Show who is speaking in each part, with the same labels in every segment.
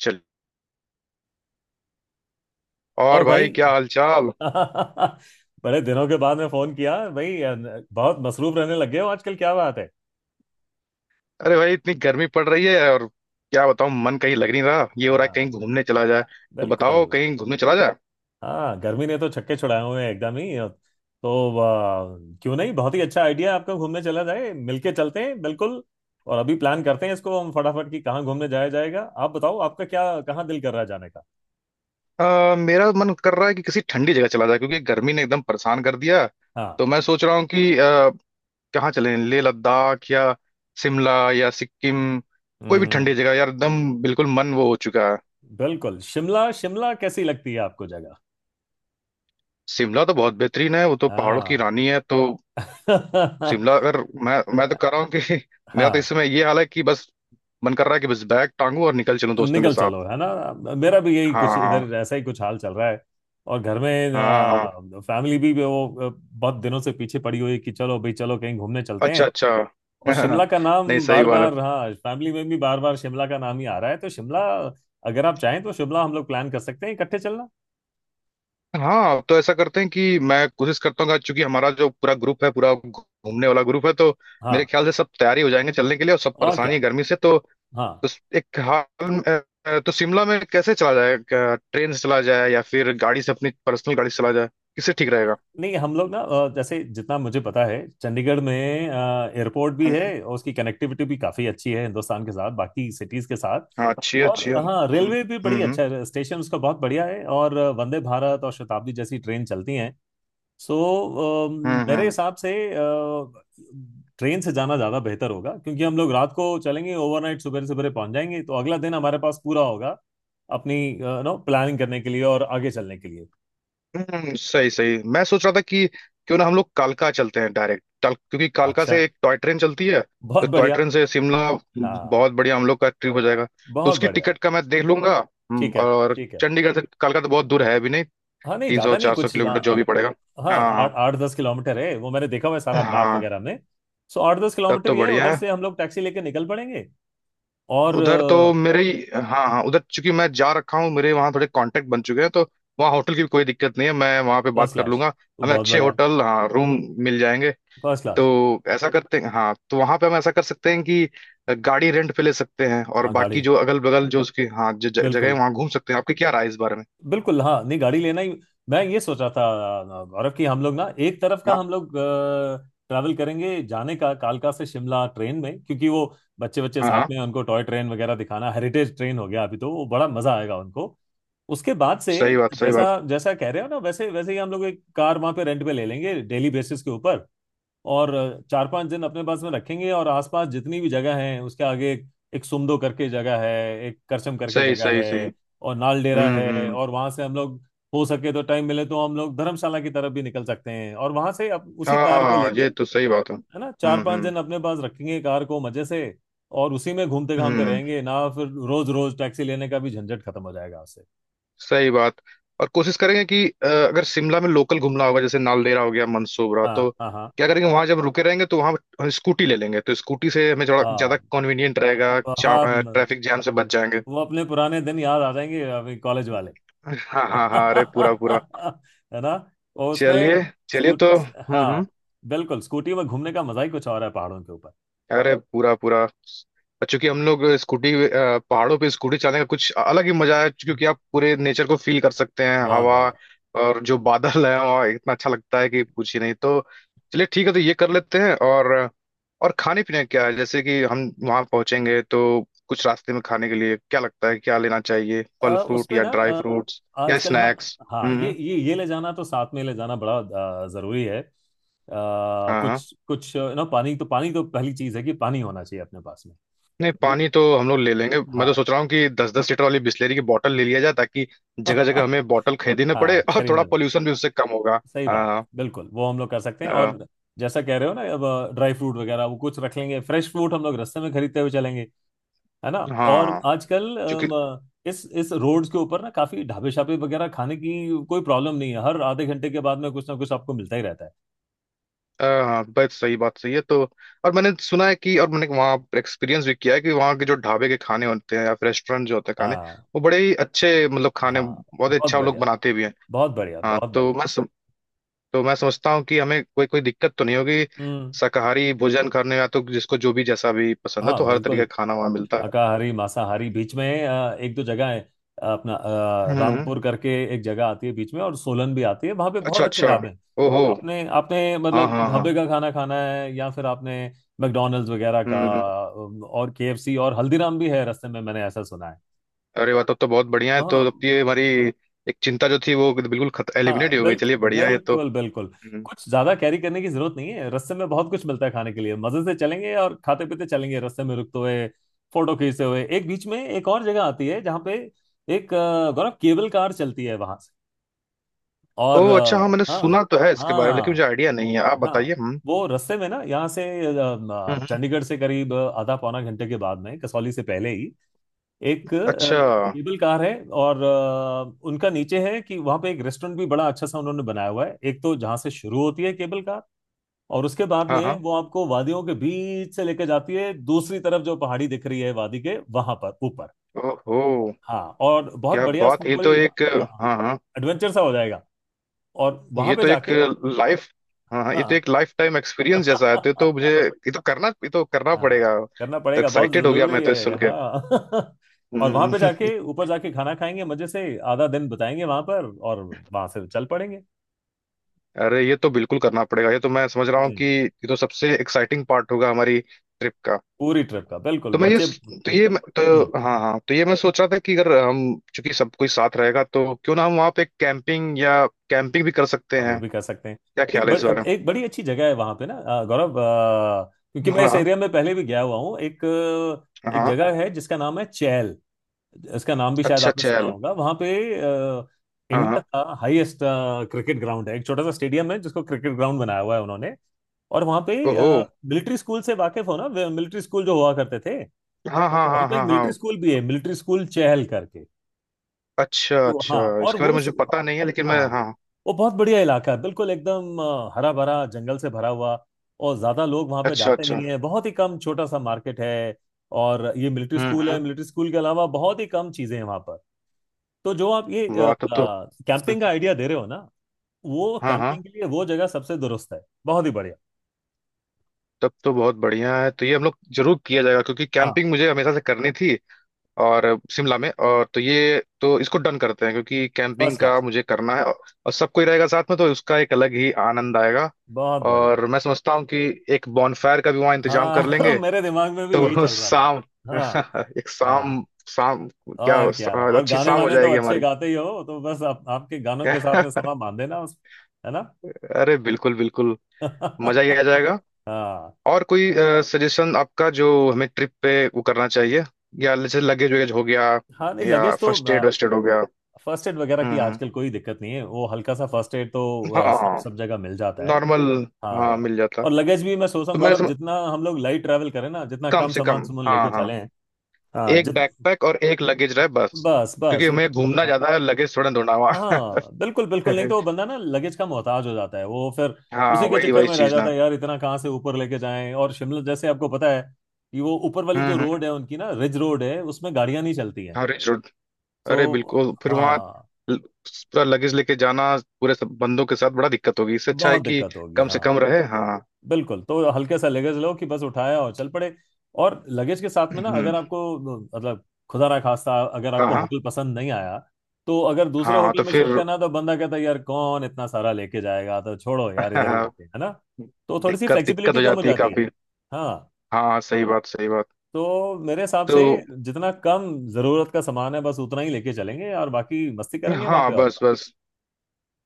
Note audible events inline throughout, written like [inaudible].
Speaker 1: चल।
Speaker 2: और
Speaker 1: और
Speaker 2: भाई
Speaker 1: भाई क्या हालचाल?
Speaker 2: [laughs] बड़े दिनों के बाद में फोन किया भाई बहुत मसरूफ रहने लग गए हो आजकल, क्या बात है?
Speaker 1: अरे भाई इतनी गर्मी पड़ रही है और क्या बताऊं मन कहीं लग नहीं रहा ये हो रहा है कहीं
Speaker 2: हाँ,
Speaker 1: घूमने चला जाए। तो
Speaker 2: बिल्कुल।
Speaker 1: बताओ कहीं घूमने चला जाए।
Speaker 2: हाँ, गर्मी ने तो छक्के छुड़ाए हुए हैं एकदम ही। तो वाह, क्यों नहीं, बहुत ही अच्छा आइडिया आपका। घूमने चला जाए, मिलके चलते हैं, बिल्कुल। और अभी प्लान करते हैं इसको हम फटाफट कि कहाँ घूमने जाया जाएगा। आप बताओ, आपका क्या, कहाँ दिल कर रहा है जाने का?
Speaker 1: मेरा मन कर रहा है कि किसी ठंडी जगह चला जाए क्योंकि गर्मी ने एकदम परेशान कर दिया।
Speaker 2: हाँ।
Speaker 1: तो मैं सोच रहा हूँ कि कहाँ चलें लेह लद्दाख या शिमला या सिक्किम। कोई भी ठंडी
Speaker 2: हम्म।
Speaker 1: जगह यार एकदम बिल्कुल मन वो हो चुका है।
Speaker 2: बिल्कुल। शिमला, शिमला कैसी लगती है आपको जगह?
Speaker 1: शिमला तो बहुत बेहतरीन है वो तो पहाड़ों की
Speaker 2: हाँ।
Speaker 1: रानी है तो
Speaker 2: [laughs]
Speaker 1: शिमला अगर मैं तो कर रहा हूँ कि [laughs] मेरा तो
Speaker 2: हाँ,
Speaker 1: इस समय ये हाल है कि बस मन कर रहा है कि बस बैग टांगू और निकल चलूं दोस्तों के
Speaker 2: निकल
Speaker 1: साथ।
Speaker 2: चलो, है ना, मेरा भी यही
Speaker 1: हाँ
Speaker 2: कुछ
Speaker 1: हाँ।
Speaker 2: इधर ऐसा ही कुछ हाल चल रहा है। और घर
Speaker 1: हाँ हाँ।
Speaker 2: में फैमिली भी वो बहुत दिनों से पीछे पड़ी हुई है कि चलो भाई, चलो कहीं घूमने चलते
Speaker 1: अच्छा
Speaker 2: हैं।
Speaker 1: अच्छा।
Speaker 2: और शिमला
Speaker 1: [laughs]
Speaker 2: का
Speaker 1: नहीं
Speaker 2: नाम
Speaker 1: सही
Speaker 2: बार
Speaker 1: बात है।
Speaker 2: बार, हाँ फैमिली में भी बार बार शिमला का नाम ही आ रहा है, तो शिमला, अगर आप चाहें तो शिमला हम लोग प्लान कर सकते हैं इकट्ठे चलना।
Speaker 1: हाँ तो ऐसा करते हैं कि मैं कोशिश करता हूँ क्योंकि हमारा जो पूरा ग्रुप है पूरा घूमने वाला ग्रुप है तो मेरे
Speaker 2: हाँ।
Speaker 1: ख्याल से सब तैयारी हो जाएंगे चलने के लिए और सब
Speaker 2: और
Speaker 1: परेशानी
Speaker 2: क्या।
Speaker 1: है गर्मी से तो
Speaker 2: हाँ,
Speaker 1: एक हाल। तो शिमला में कैसे चला जाए क्या ट्रेन से चला जाए या फिर गाड़ी से अपनी पर्सनल गाड़ी से चला जाए? किससे ठीक रहेगा?
Speaker 2: नहीं हम लोग ना जैसे जितना मुझे पता है, चंडीगढ़ में एयरपोर्ट भी है और उसकी कनेक्टिविटी भी काफ़ी अच्छी है हिंदुस्तान के साथ, बाकी सिटीज़ के साथ।
Speaker 1: हाँ अच्छी है, बताइए
Speaker 2: और
Speaker 1: अच्छी है।
Speaker 2: हाँ
Speaker 1: हम्म।
Speaker 2: रेलवे भी बड़ी
Speaker 1: हम्म।
Speaker 2: अच्छा है, स्टेशन उसका बहुत बढ़िया है और वंदे भारत और शताब्दी जैसी ट्रेन चलती हैं। सो मेरे
Speaker 1: हम्म।
Speaker 2: हिसाब से ट्रेन से जाना ज़्यादा बेहतर होगा, क्योंकि हम लोग रात को चलेंगे ओवरनाइट, सुबह सवेरे पहुंच जाएंगे, तो अगला दिन हमारे पास पूरा होगा अपनी नो प्लानिंग करने के लिए और आगे चलने के लिए।
Speaker 1: हम्म। सही सही मैं सोच रहा था कि क्यों ना हम लोग कालका चलते हैं डायरेक्ट क्योंकि कालका
Speaker 2: अच्छा।
Speaker 1: से एक टॉय ट्रेन चलती है।
Speaker 2: बहुत
Speaker 1: तो टॉय
Speaker 2: बढ़िया।
Speaker 1: ट्रेन से शिमला बहुत
Speaker 2: हाँ,
Speaker 1: बढ़िया हम लोग का ट्रिप हो जाएगा। तो
Speaker 2: बहुत
Speaker 1: उसकी
Speaker 2: बढ़िया।
Speaker 1: टिकट का मैं देख लूंगा।
Speaker 2: ठीक है,
Speaker 1: और
Speaker 2: ठीक है।
Speaker 1: चंडीगढ़ से कालका तो बहुत दूर है भी नहीं।
Speaker 2: हाँ नहीं,
Speaker 1: तीन सौ
Speaker 2: ज्यादा नहीं
Speaker 1: चार सौ
Speaker 2: कुछ।
Speaker 1: किलोमीटर जो भी पड़ेगा।
Speaker 2: हाँ,
Speaker 1: हाँ।
Speaker 2: आठ आठ दस किलोमीटर है, वो मैंने देखा हुआ है
Speaker 1: हाँ
Speaker 2: सारा मैप
Speaker 1: हाँ।
Speaker 2: वगैरह में। सो आठ दस
Speaker 1: तब
Speaker 2: किलोमीटर
Speaker 1: तो
Speaker 2: ये है,
Speaker 1: बढ़िया
Speaker 2: उधर
Speaker 1: है।
Speaker 2: से हम लोग टैक्सी लेके निकल पड़ेंगे। और
Speaker 1: उधर तो मेरे ही हाँ हाँ उधर चूंकि मैं जा रखा हूँ मेरे वहाँ थोड़े कांटेक्ट बन चुके हैं तो वहाँ होटल की भी कोई दिक्कत नहीं है मैं वहाँ पे बात
Speaker 2: फर्स्ट
Speaker 1: कर
Speaker 2: क्लास।
Speaker 1: लूंगा। हमें
Speaker 2: बहुत
Speaker 1: अच्छे
Speaker 2: बढ़िया।
Speaker 1: होटल हाँ रूम मिल जाएंगे।
Speaker 2: First class.
Speaker 1: तो ऐसा करते हैं हाँ तो वहाँ पे हम ऐसा कर सकते हैं कि गाड़ी रेंट पे ले सकते हैं और
Speaker 2: हाँ,
Speaker 1: बाकी
Speaker 2: गाड़ी,
Speaker 1: जो अगल बगल जो उसकी हाँ जो जगह है
Speaker 2: बिल्कुल,
Speaker 1: वहाँ घूम सकते हैं आपकी क्या राय है इस बारे में?
Speaker 2: बिल्कुल। हाँ नहीं, गाड़ी लेना ही, मैं ये सोच रहा था, गौरव, कि हम लोग ना एक तरफ का
Speaker 1: हाँ
Speaker 2: हम लोग ट्रैवल करेंगे जाने का, कालका से शिमला ट्रेन में, क्योंकि वो बच्चे, बच्चे
Speaker 1: हाँ
Speaker 2: साथ
Speaker 1: हाँ।
Speaker 2: में, उनको टॉय ट्रेन वगैरह दिखाना, हेरिटेज ट्रेन हो गया अभी तो, वो बड़ा मजा आएगा उनको। उसके बाद से
Speaker 1: सही बात सही
Speaker 2: जैसा
Speaker 1: बात।
Speaker 2: जैसा कह रहे हो ना, वैसे वैसे ही हम लोग एक कार वहां पे रेंट पे ले लेंगे डेली बेसिस के ऊपर और चार पांच दिन अपने पास में रखेंगे और आसपास जितनी भी जगह है उसके आगे, एक सुमदो करके जगह है, एक करसम करके
Speaker 1: सही
Speaker 2: जगह
Speaker 1: सही सही।
Speaker 2: है और नाल डेरा है,
Speaker 1: हम्म।
Speaker 2: और वहां से हम लोग हो सके तो, टाइम मिले तो हम लोग धर्मशाला की तरफ भी निकल सकते हैं और वहां से उसी कार को
Speaker 1: हाँ ये
Speaker 2: लेके,
Speaker 1: तो सही बात है।
Speaker 2: है ना, चार पांच
Speaker 1: हम्म।
Speaker 2: दिन अपने पास रखेंगे कार को, मजे से। और उसी में घूमते घामते
Speaker 1: हम्म।
Speaker 2: रहेंगे ना, फिर रोज रोज टैक्सी लेने का भी झंझट खत्म हो जाएगा उससे।
Speaker 1: सही बात। और कोशिश करेंगे कि अगर शिमला में लोकल घूमना होगा जैसे नालदेहरा हो गया मंसूबरा
Speaker 2: हाँ
Speaker 1: तो
Speaker 2: हाँ हाँ
Speaker 1: क्या करेंगे वहां जब रुके रहेंगे तो वहां स्कूटी ले लेंगे तो स्कूटी से हमें थोड़ा ज्यादा
Speaker 2: हाँ
Speaker 1: कन्वीनियंट रहेगा।
Speaker 2: हाँ।
Speaker 1: ट्रैफिक जाम से बच जाएंगे।
Speaker 2: वो अपने पुराने दिन याद आ जाएंगे अभी, कॉलेज वाले।
Speaker 1: हाँ
Speaker 2: [laughs]
Speaker 1: हाँ हाँ अरे पूरा पूरा।
Speaker 2: है ना। और
Speaker 1: चलिए।
Speaker 2: उसमें
Speaker 1: चलिए
Speaker 2: स्कूट
Speaker 1: तो हम्म।
Speaker 2: हाँ, बिल्कुल स्कूटी में घूमने का मजा ही कुछ और है पहाड़ों के ऊपर।
Speaker 1: अरे पूरा पूरा और चूंकि हम लोग स्कूटी पहाड़ों पे स्कूटी चलाने का कुछ अलग ही मजा है क्योंकि आप पूरे नेचर को फील कर सकते हैं
Speaker 2: बहुत
Speaker 1: हवा
Speaker 2: बढ़िया।
Speaker 1: और जो बादल है और इतना अच्छा लगता है कि पूछ ही नहीं। तो चलिए ठीक है तो ये कर लेते हैं। और खाने पीने क्या है जैसे कि हम वहां पहुंचेंगे तो कुछ रास्ते में खाने के लिए क्या लगता है क्या लेना चाहिए फल फ्रूट
Speaker 2: उसमें
Speaker 1: या
Speaker 2: ना,
Speaker 1: ड्राई फ्रूट्स या
Speaker 2: आजकल, हाँ
Speaker 1: स्नैक्स?
Speaker 2: हाँ, ये
Speaker 1: हम्म।
Speaker 2: ये ये ले जाना तो साथ में ले जाना बड़ा जरूरी है।
Speaker 1: हाँ
Speaker 2: कुछ कुछ ना, पानी तो पहली चीज है कि पानी होना चाहिए अपने पास में।
Speaker 1: नहीं
Speaker 2: दू-
Speaker 1: पानी तो हम लोग ले लेंगे मैं तो
Speaker 2: हाँ।
Speaker 1: सोच रहा हूँ कि 10 10 लीटर वाली बिस्लेरी की बोतल ले लिया जाए ताकि जगह जगह हमें
Speaker 2: [laughs]
Speaker 1: बोतल खरीदने पड़े
Speaker 2: हाँ,
Speaker 1: और थोड़ा
Speaker 2: खरीदना,
Speaker 1: पोल्यूशन भी उससे कम होगा।
Speaker 2: सही बात है,
Speaker 1: आ,
Speaker 2: बिल्कुल वो हम लोग कर सकते हैं।
Speaker 1: आ,
Speaker 2: और जैसा कह रहे हो ना, अब ड्राई फ्रूट वगैरह वो कुछ रख लेंगे, फ्रेश फ्रूट हम लोग रास्ते में खरीदते हुए चलेंगे, है ना। और
Speaker 1: हाँ
Speaker 2: आजकल
Speaker 1: क्योंकि
Speaker 2: इस रोड्स के ऊपर ना काफी ढाबे शाबे वगैरह, खाने की कोई प्रॉब्लम नहीं है, हर आधे घंटे के बाद में कुछ ना कुछ आपको मिलता ही रहता है।
Speaker 1: हाँ बस सही बात सही है। तो और मैंने सुना है कि और मैंने वहाँ एक्सपीरियंस भी किया है कि वहाँ के जो ढाबे के खाने होते हैं या फिर रेस्टोरेंट जो होते हैं खाने
Speaker 2: हाँ
Speaker 1: वो बड़े ही अच्छे मतलब खाने
Speaker 2: हाँ।
Speaker 1: बहुत ही
Speaker 2: बहुत
Speaker 1: अच्छा वो लोग
Speaker 2: बढ़िया।
Speaker 1: बनाते भी हैं।
Speaker 2: बहुत बढ़िया,
Speaker 1: हाँ
Speaker 2: बहुत
Speaker 1: तो
Speaker 2: बढ़िया।
Speaker 1: मैं तो मैं सोचता हूँ कि हमें कोई कोई दिक्कत तो नहीं होगी
Speaker 2: हम्म।
Speaker 1: शाकाहारी भोजन करने में या तो जिसको जो भी जैसा भी पसंद है तो
Speaker 2: हाँ,
Speaker 1: हर
Speaker 2: बिल्कुल,
Speaker 1: तरीके का खाना वहाँ मिलता है।
Speaker 2: शाकाहारी मांसाहारी
Speaker 1: हम्म
Speaker 2: बीच में, एक दो जगह है, अपना
Speaker 1: हम्म,
Speaker 2: रामपुर करके एक जगह आती है बीच में और सोलन भी आती है, वहां पे बहुत
Speaker 1: अच्छा
Speaker 2: अच्छे
Speaker 1: अच्छा।
Speaker 2: ढाबे हैं।
Speaker 1: ओहो।
Speaker 2: आपने आपने
Speaker 1: हाँ
Speaker 2: मतलब
Speaker 1: हाँ हाँ।
Speaker 2: ढाबे का खाना खाना है या फिर आपने मैकडोनल्ड्स वगैरह का?
Speaker 1: हम्म हम्म।
Speaker 2: और केएफसी और हल्दीराम भी है रास्ते में, मैंने ऐसा सुना है।
Speaker 1: अरे वाह तब तो बहुत बढ़िया है तो
Speaker 2: हाँ
Speaker 1: अब ये हमारी एक चिंता जो थी वो बिल्कुल खत
Speaker 2: हाँ,
Speaker 1: एलिमिनेट हो गई
Speaker 2: बिल्कुल,
Speaker 1: चलिए बढ़िया है ये तो।
Speaker 2: बिल्कुल, बिल्कुल।
Speaker 1: हम्म।
Speaker 2: कुछ ज्यादा कैरी करने की जरूरत नहीं है, रास्ते में बहुत कुछ मिलता है खाने के लिए, मजे से चलेंगे और खाते पीते चलेंगे रास्ते में रुकते हुए, फोटो खींचते हुए। एक बीच में एक और जगह आती है जहाँ पे एक गौरव केबल कार चलती है वहां से। और
Speaker 1: ओह अच्छा हाँ मैंने
Speaker 2: हाँ।
Speaker 1: सुना तो है इसके बारे में लेकिन
Speaker 2: हाँ
Speaker 1: मुझे आइडिया नहीं है आप
Speaker 2: हाँ,
Speaker 1: बताइए। हम्म।
Speaker 2: वो रास्ते में ना, यहाँ से
Speaker 1: हम्म,
Speaker 2: चंडीगढ़ से करीब आधा पौना घंटे के बाद में, कसौली से पहले ही एक
Speaker 1: अच्छा।
Speaker 2: केबल कार है। और उनका नीचे है कि वहां पे एक रेस्टोरेंट भी बड़ा अच्छा सा उन्होंने बनाया हुआ है एक, तो जहां से शुरू होती है केबल कार, और उसके बाद
Speaker 1: हाँ
Speaker 2: में
Speaker 1: हाँ।
Speaker 2: वो आपको वादियों के बीच से लेकर जाती है दूसरी तरफ, जो पहाड़ी दिख रही है वादी के वहां पर ऊपर।
Speaker 1: ओहो।
Speaker 2: हाँ और बहुत
Speaker 1: क्या
Speaker 2: बढ़िया
Speaker 1: बात
Speaker 2: उसमें
Speaker 1: ये तो
Speaker 2: पूरी,
Speaker 1: एक
Speaker 2: हाँ हाँ,
Speaker 1: हाँ हाँ
Speaker 2: एडवेंचर सा हो जाएगा। और वहां
Speaker 1: ये
Speaker 2: पे
Speaker 1: तो एक
Speaker 2: जाके,
Speaker 1: लाइफ। हाँ हाँ ये तो
Speaker 2: हाँ।
Speaker 1: एक लाइफ टाइम एक्सपीरियंस जैसा है तो मुझे
Speaker 2: [laughs]
Speaker 1: ये तो करना पड़ेगा।
Speaker 2: हाँ, करना पड़ेगा, बहुत
Speaker 1: एक्साइटेड हो गया मैं
Speaker 2: जरूरी
Speaker 1: तो इस
Speaker 2: है,
Speaker 1: सुन के।
Speaker 2: हाँ। [laughs] और वहां
Speaker 1: हम्म।
Speaker 2: पे जाके, ऊपर जाके खाना खाएंगे मजे से, आधा दिन बताएंगे वहां पर और वहां से चल पड़ेंगे।
Speaker 1: अरे ये तो बिल्कुल करना पड़ेगा ये तो मैं समझ रहा हूँ कि
Speaker 2: हम्म।
Speaker 1: ये तो सबसे एक्साइटिंग पार्ट होगा हमारी ट्रिप का।
Speaker 2: पूरी ट्रिप का, बिल्कुल,
Speaker 1: तो मैं ये
Speaker 2: बच्चे।
Speaker 1: तो
Speaker 2: हम्म।
Speaker 1: ये तो हाँ हाँ तो ये मैं सोच रहा था कि अगर हम चूंकि सब कोई साथ रहेगा तो क्यों ना हम वहाँ पे कैंपिंग या कैंपिंग भी कर सकते
Speaker 2: हाँ, वो
Speaker 1: हैं
Speaker 2: भी कर सकते हैं।
Speaker 1: क्या ख्याल
Speaker 2: एक
Speaker 1: है
Speaker 2: बड़,
Speaker 1: इस बारे
Speaker 2: एक बड़ी अच्छी जगह है वहां पे ना, गौरव, क्योंकि
Speaker 1: में?
Speaker 2: मैं इस
Speaker 1: हाँ
Speaker 2: एरिया में पहले भी गया हुआ हूँ एक
Speaker 1: हाँ।
Speaker 2: जगह है जिसका नाम है चैल। इसका नाम भी शायद
Speaker 1: अच्छा
Speaker 2: आपने
Speaker 1: अच्छा
Speaker 2: सुना
Speaker 1: यार।
Speaker 2: होगा। वहां पे अ,
Speaker 1: हाँ
Speaker 2: इंडिया
Speaker 1: हाँ।
Speaker 2: का हाईएस्ट क्रिकेट ग्राउंड है, एक छोटा सा स्टेडियम है जिसको क्रिकेट ग्राउंड बनाया हुआ है उन्होंने। और वहां पे
Speaker 1: ओहो।
Speaker 2: मिलिट्री स्कूल से वाकिफ हो ना, मिलिट्री स्कूल जो हुआ करते थे,
Speaker 1: हाँ हाँ
Speaker 2: वहां
Speaker 1: हाँ
Speaker 2: पे एक
Speaker 1: हाँ हाँ।
Speaker 2: मिलिट्री स्कूल भी है, मिलिट्री स्कूल चहल करके।
Speaker 1: अच्छा
Speaker 2: तो हाँ
Speaker 1: अच्छा
Speaker 2: और
Speaker 1: इसके बारे
Speaker 2: वो,
Speaker 1: में मुझे पता नहीं है लेकिन मैं
Speaker 2: हाँ
Speaker 1: हाँ
Speaker 2: वो बहुत बढ़िया इलाका है, बिल्कुल एकदम हरा भरा, जंगल से भरा हुआ। और ज्यादा लोग वहां पे
Speaker 1: अच्छा
Speaker 2: जाते
Speaker 1: अच्छा।
Speaker 2: नहीं है, बहुत ही कम, छोटा सा मार्केट है और ये मिलिट्री स्कूल है,
Speaker 1: हम्म।
Speaker 2: मिलिट्री स्कूल के अलावा बहुत ही कम चीजें हैं वहां पर। तो जो आप ये
Speaker 1: वाह तब तो हम्म,
Speaker 2: कैंपिंग का आइडिया दे रहे हो ना, वो
Speaker 1: हाँ हाँ
Speaker 2: कैंपिंग के लिए वो जगह सबसे दुरुस्त है, बहुत ही बढ़िया।
Speaker 1: तब तो बहुत बढ़िया है तो ये हम लोग जरूर किया जाएगा क्योंकि
Speaker 2: हाँ,
Speaker 1: कैंपिंग मुझे हमेशा से करनी थी और शिमला में और तो ये तो इसको डन करते हैं क्योंकि कैंपिंग
Speaker 2: फर्स्ट
Speaker 1: का
Speaker 2: क्लास।
Speaker 1: मुझे करना है और सब कोई रहेगा साथ में तो उसका एक अलग ही आनंद आएगा।
Speaker 2: बहुत बढ़िया।
Speaker 1: और मैं समझता हूँ कि एक बॉनफायर का भी वहाँ इंतजाम कर
Speaker 2: हाँ।
Speaker 1: लेंगे।
Speaker 2: [laughs] मेरे दिमाग में भी यही
Speaker 1: तो
Speaker 2: चल रहा था।
Speaker 1: शाम
Speaker 2: हाँ।
Speaker 1: [laughs] एक
Speaker 2: हाँ
Speaker 1: शाम शाम क्या
Speaker 2: और क्या, और
Speaker 1: अच्छी
Speaker 2: गाने
Speaker 1: शाम हो
Speaker 2: वाने तो
Speaker 1: जाएगी
Speaker 2: अच्छे
Speaker 1: हमारी।
Speaker 2: गाते ही हो, तो बस आपके गानों के साथ में
Speaker 1: [laughs]
Speaker 2: समा बांध देना उस, है ना।
Speaker 1: अरे बिल्कुल बिल्कुल मजा ही आ
Speaker 2: [laughs]
Speaker 1: जाएगा।
Speaker 2: हाँ।
Speaker 1: और कोई सजेशन आपका जो हमें ट्रिप पे वो करना चाहिए या जैसे लगेज वगैरह हो गया
Speaker 2: हाँ नहीं,
Speaker 1: या
Speaker 2: लगेज तो,
Speaker 1: फर्स्ट एड वर्स्ट एड हो गया?
Speaker 2: फर्स्ट एड वगैरह की
Speaker 1: हम्म।
Speaker 2: आजकल कोई दिक्कत नहीं है, वो हल्का सा फर्स्ट एड तो सब
Speaker 1: हाँ
Speaker 2: सब जगह मिल जाता है।
Speaker 1: नॉर्मल। हाँ
Speaker 2: हाँ
Speaker 1: मिल जाता।
Speaker 2: और लगेज भी मैं सोचता
Speaker 1: तो
Speaker 2: हूँ गौरव, जितना हम लोग लाइट ट्रैवल करें ना, जितना
Speaker 1: कम
Speaker 2: कम
Speaker 1: से
Speaker 2: सामान
Speaker 1: कम
Speaker 2: सुमन लेके
Speaker 1: हाँ हाँ
Speaker 2: चले हैं। हाँ
Speaker 1: एक
Speaker 2: जित
Speaker 1: बैकपैक और एक लगेज रहे बस
Speaker 2: बस
Speaker 1: क्योंकि
Speaker 2: बस
Speaker 1: हमें घूमना
Speaker 2: हाँ,
Speaker 1: ज्यादा है लगेज थोड़ा ढूंढा हुआ।
Speaker 2: हाँ बिल्कुल, बिल्कुल, नहीं तो वो
Speaker 1: [laughs]
Speaker 2: बंदा ना लगेज का मोहताज हो जाता है वो फिर,
Speaker 1: हाँ
Speaker 2: उसी के
Speaker 1: वही
Speaker 2: चक्कर
Speaker 1: वही
Speaker 2: में रह
Speaker 1: चीज
Speaker 2: जाता
Speaker 1: ना।
Speaker 2: है यार, इतना कहाँ से ऊपर लेके जाएं? और शिमला जैसे आपको पता है कि वो ऊपर वाली जो रोड
Speaker 1: हम्म।
Speaker 2: है उनकी ना, रिज रोड है, उसमें गाड़ियां नहीं चलती हैं।
Speaker 1: हाँ रिच।
Speaker 2: तो
Speaker 1: अरे बिल्कुल फिर वहाँ
Speaker 2: हाँ,
Speaker 1: पूरा लगेज लेके जाना पूरे सब बंदों के साथ बड़ा दिक्कत होगी इससे अच्छा है
Speaker 2: बहुत
Speaker 1: कि
Speaker 2: दिक्कत होगी।
Speaker 1: कम से
Speaker 2: हाँ,
Speaker 1: कम रहे हाँ।
Speaker 2: बिल्कुल, तो हल्के सा लगेज लो कि बस उठाया और चल पड़े। और लगेज के साथ में ना, अगर
Speaker 1: हम्म,
Speaker 2: आपको मतलब, खुदा ना खास्ता अगर
Speaker 1: हाँ
Speaker 2: आपको
Speaker 1: हाँ।
Speaker 2: होटल पसंद नहीं आया, तो अगर दूसरे
Speaker 1: हाँ
Speaker 2: होटल
Speaker 1: तो
Speaker 2: में शिफ्ट
Speaker 1: फिर
Speaker 2: करना है, तो बंदा कहता है यार कौन इतना सारा लेके जाएगा, तो छोड़ो यार इधर ही रहते
Speaker 1: [laughs]
Speaker 2: हैं, है ना, तो थोड़ी सी
Speaker 1: दिक्कत दिक्कत
Speaker 2: फ्लेक्सिबिलिटी
Speaker 1: हो
Speaker 2: कम हो
Speaker 1: जाती है
Speaker 2: जाती है।
Speaker 1: काफी।
Speaker 2: हाँ,
Speaker 1: हाँ सही बात सही बात।
Speaker 2: तो मेरे हिसाब
Speaker 1: तो
Speaker 2: से जितना कम जरूरत का सामान है बस उतना ही लेके चलेंगे और बाकी मस्ती करेंगे वहां
Speaker 1: हाँ
Speaker 2: पे। और
Speaker 1: बस बस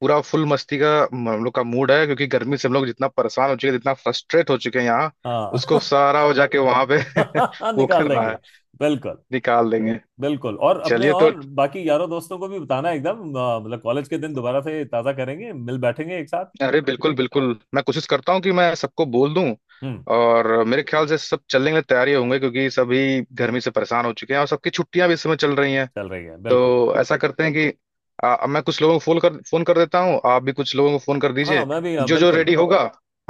Speaker 1: पूरा फुल मस्ती का हम लोग का मूड है क्योंकि गर्मी से हम लोग जितना परेशान हो चुके हैं जितना फ्रस्ट्रेट हो चुके हैं यहाँ उसको
Speaker 2: हाँ।
Speaker 1: सारा हो जाके वहां पे
Speaker 2: [laughs]
Speaker 1: [laughs] वो
Speaker 2: निकाल
Speaker 1: करना
Speaker 2: देंगे,
Speaker 1: है।
Speaker 2: बिल्कुल,
Speaker 1: निकाल देंगे।
Speaker 2: बिल्कुल। और अपने
Speaker 1: चलिए तो
Speaker 2: और बाकी यारों दोस्तों को भी बताना एकदम, मतलब कॉलेज के दिन दोबारा से ताज़ा करेंगे, मिल बैठेंगे एक साथ।
Speaker 1: अरे बिल्कुल बिल्कुल मैं कोशिश करता हूँ कि मैं सबको बोल दूं।
Speaker 2: हम्म।
Speaker 1: और मेरे ख्याल से सब चलने के लिए तैयार ही होंगे क्योंकि सभी गर्मी से परेशान हो चुके हैं और सबकी छुट्टियां भी इस समय चल रही हैं।
Speaker 2: चल रही है, बिल्कुल।
Speaker 1: तो ऐसा करते हैं कि मैं कुछ लोगों को फोन कर देता हूँ आप भी कुछ लोगों को फोन कर
Speaker 2: हाँ,
Speaker 1: दीजिए
Speaker 2: मैं भी, हाँ,
Speaker 1: जो जो
Speaker 2: बिल्कुल।
Speaker 1: रेडी होगा।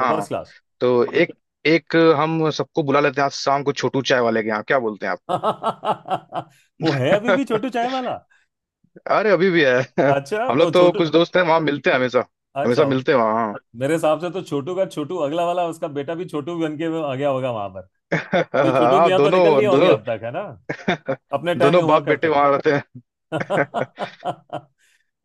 Speaker 1: हाँ
Speaker 2: फर्स्ट क्लास।
Speaker 1: तो एक एक हम सबको बुला लेते हैं आज शाम को छोटू चाय वाले के यहाँ क्या बोलते हैं?
Speaker 2: [laughs] वो है अभी
Speaker 1: आप
Speaker 2: भी छोटू
Speaker 1: [laughs]
Speaker 2: चाय वाला?
Speaker 1: अरे अभी भी है
Speaker 2: अच्छा,
Speaker 1: [laughs] हम लोग
Speaker 2: तो
Speaker 1: तो
Speaker 2: छोटू,
Speaker 1: कुछ दोस्त हैं वहाँ मिलते हैं हमेशा। हमेशा
Speaker 2: अच्छा।
Speaker 1: मिलते हैं वहाँ हाँ।
Speaker 2: मेरे हिसाब से तो छोटू का, छोटू अगला वाला उसका बेटा भी छोटू बन के आ गया होगा वहां,
Speaker 1: [laughs]
Speaker 2: ये छोटू
Speaker 1: हाँ,
Speaker 2: मियां तो निकल लिए
Speaker 1: दोनों
Speaker 2: होंगे अब तक, है ना,
Speaker 1: दोनों
Speaker 2: अपने
Speaker 1: [laughs]
Speaker 2: टाइम में
Speaker 1: दोनों
Speaker 2: हुआ
Speaker 1: बाप बेटे
Speaker 2: करते थे।
Speaker 1: वहां रहते हैं।
Speaker 2: [laughs]
Speaker 1: [laughs]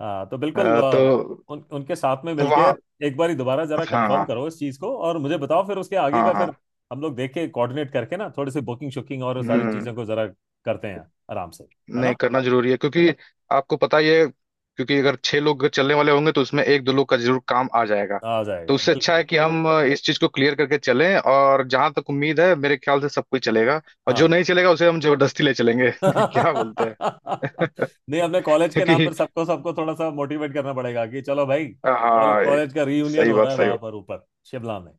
Speaker 2: हाँ तो बिल्कुल,
Speaker 1: तो
Speaker 2: उनके साथ में मिलके
Speaker 1: वहाँ
Speaker 2: एक बार ही दोबारा जरा कंफर्म
Speaker 1: हाँ
Speaker 2: करो इस चीज को और मुझे बताओ, फिर उसके आगे
Speaker 1: हाँ
Speaker 2: का
Speaker 1: हाँ।
Speaker 2: फिर हम लोग देख के कोऑर्डिनेट करके ना थोड़ी सी बुकिंग शुकिंग और सारी
Speaker 1: हम्म।
Speaker 2: चीजों को जरा करते हैं आराम से, है ना।
Speaker 1: नहीं करना जरूरी है क्योंकि आपको पता ही है क्योंकि अगर 6 लोग चलने वाले होंगे तो उसमें एक दो लोग का जरूर काम आ जाएगा।
Speaker 2: आ
Speaker 1: तो
Speaker 2: जाएगा
Speaker 1: उससे अच्छा है
Speaker 2: बिल्कुल।
Speaker 1: कि हम इस चीज को क्लियर करके चलें और जहां तक उम्मीद है मेरे ख्याल से सब कोई चलेगा। और जो
Speaker 2: हाँ।
Speaker 1: नहीं चलेगा उसे हम जबरदस्ती ले चलेंगे [laughs] क्या बोलते हैं?
Speaker 2: [laughs]
Speaker 1: [laughs]
Speaker 2: नहीं अपने कॉलेज के नाम
Speaker 1: क्योंकि
Speaker 2: पर सबको सबको थोड़ा सा मोटिवेट करना पड़ेगा कि चलो भाई, कॉल
Speaker 1: हाँ
Speaker 2: कॉलेज का रीयूनियन
Speaker 1: सही
Speaker 2: हो रहा
Speaker 1: बात
Speaker 2: है
Speaker 1: सही
Speaker 2: वहां
Speaker 1: बात।
Speaker 2: पर ऊपर, शिमला में, है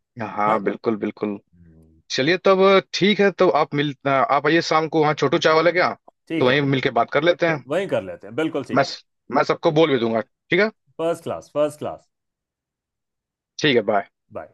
Speaker 2: ना।
Speaker 1: हाँ बिल्कुल बिल्कुल।
Speaker 2: हम्म।
Speaker 1: चलिए तब ठीक है तो आप मिल आप आइए शाम को वहाँ छोटू चाय वाले के यहाँ। तो
Speaker 2: ठीक है,
Speaker 1: वहीं मिलके बात कर लेते हैं।
Speaker 2: वहीं कर लेते हैं, बिल्कुल
Speaker 1: मैं
Speaker 2: ठीक है।
Speaker 1: मैं सबको बोल भी दूंगा ठीक है।
Speaker 2: First class, first class.
Speaker 1: ठीक है बाय।
Speaker 2: बाय।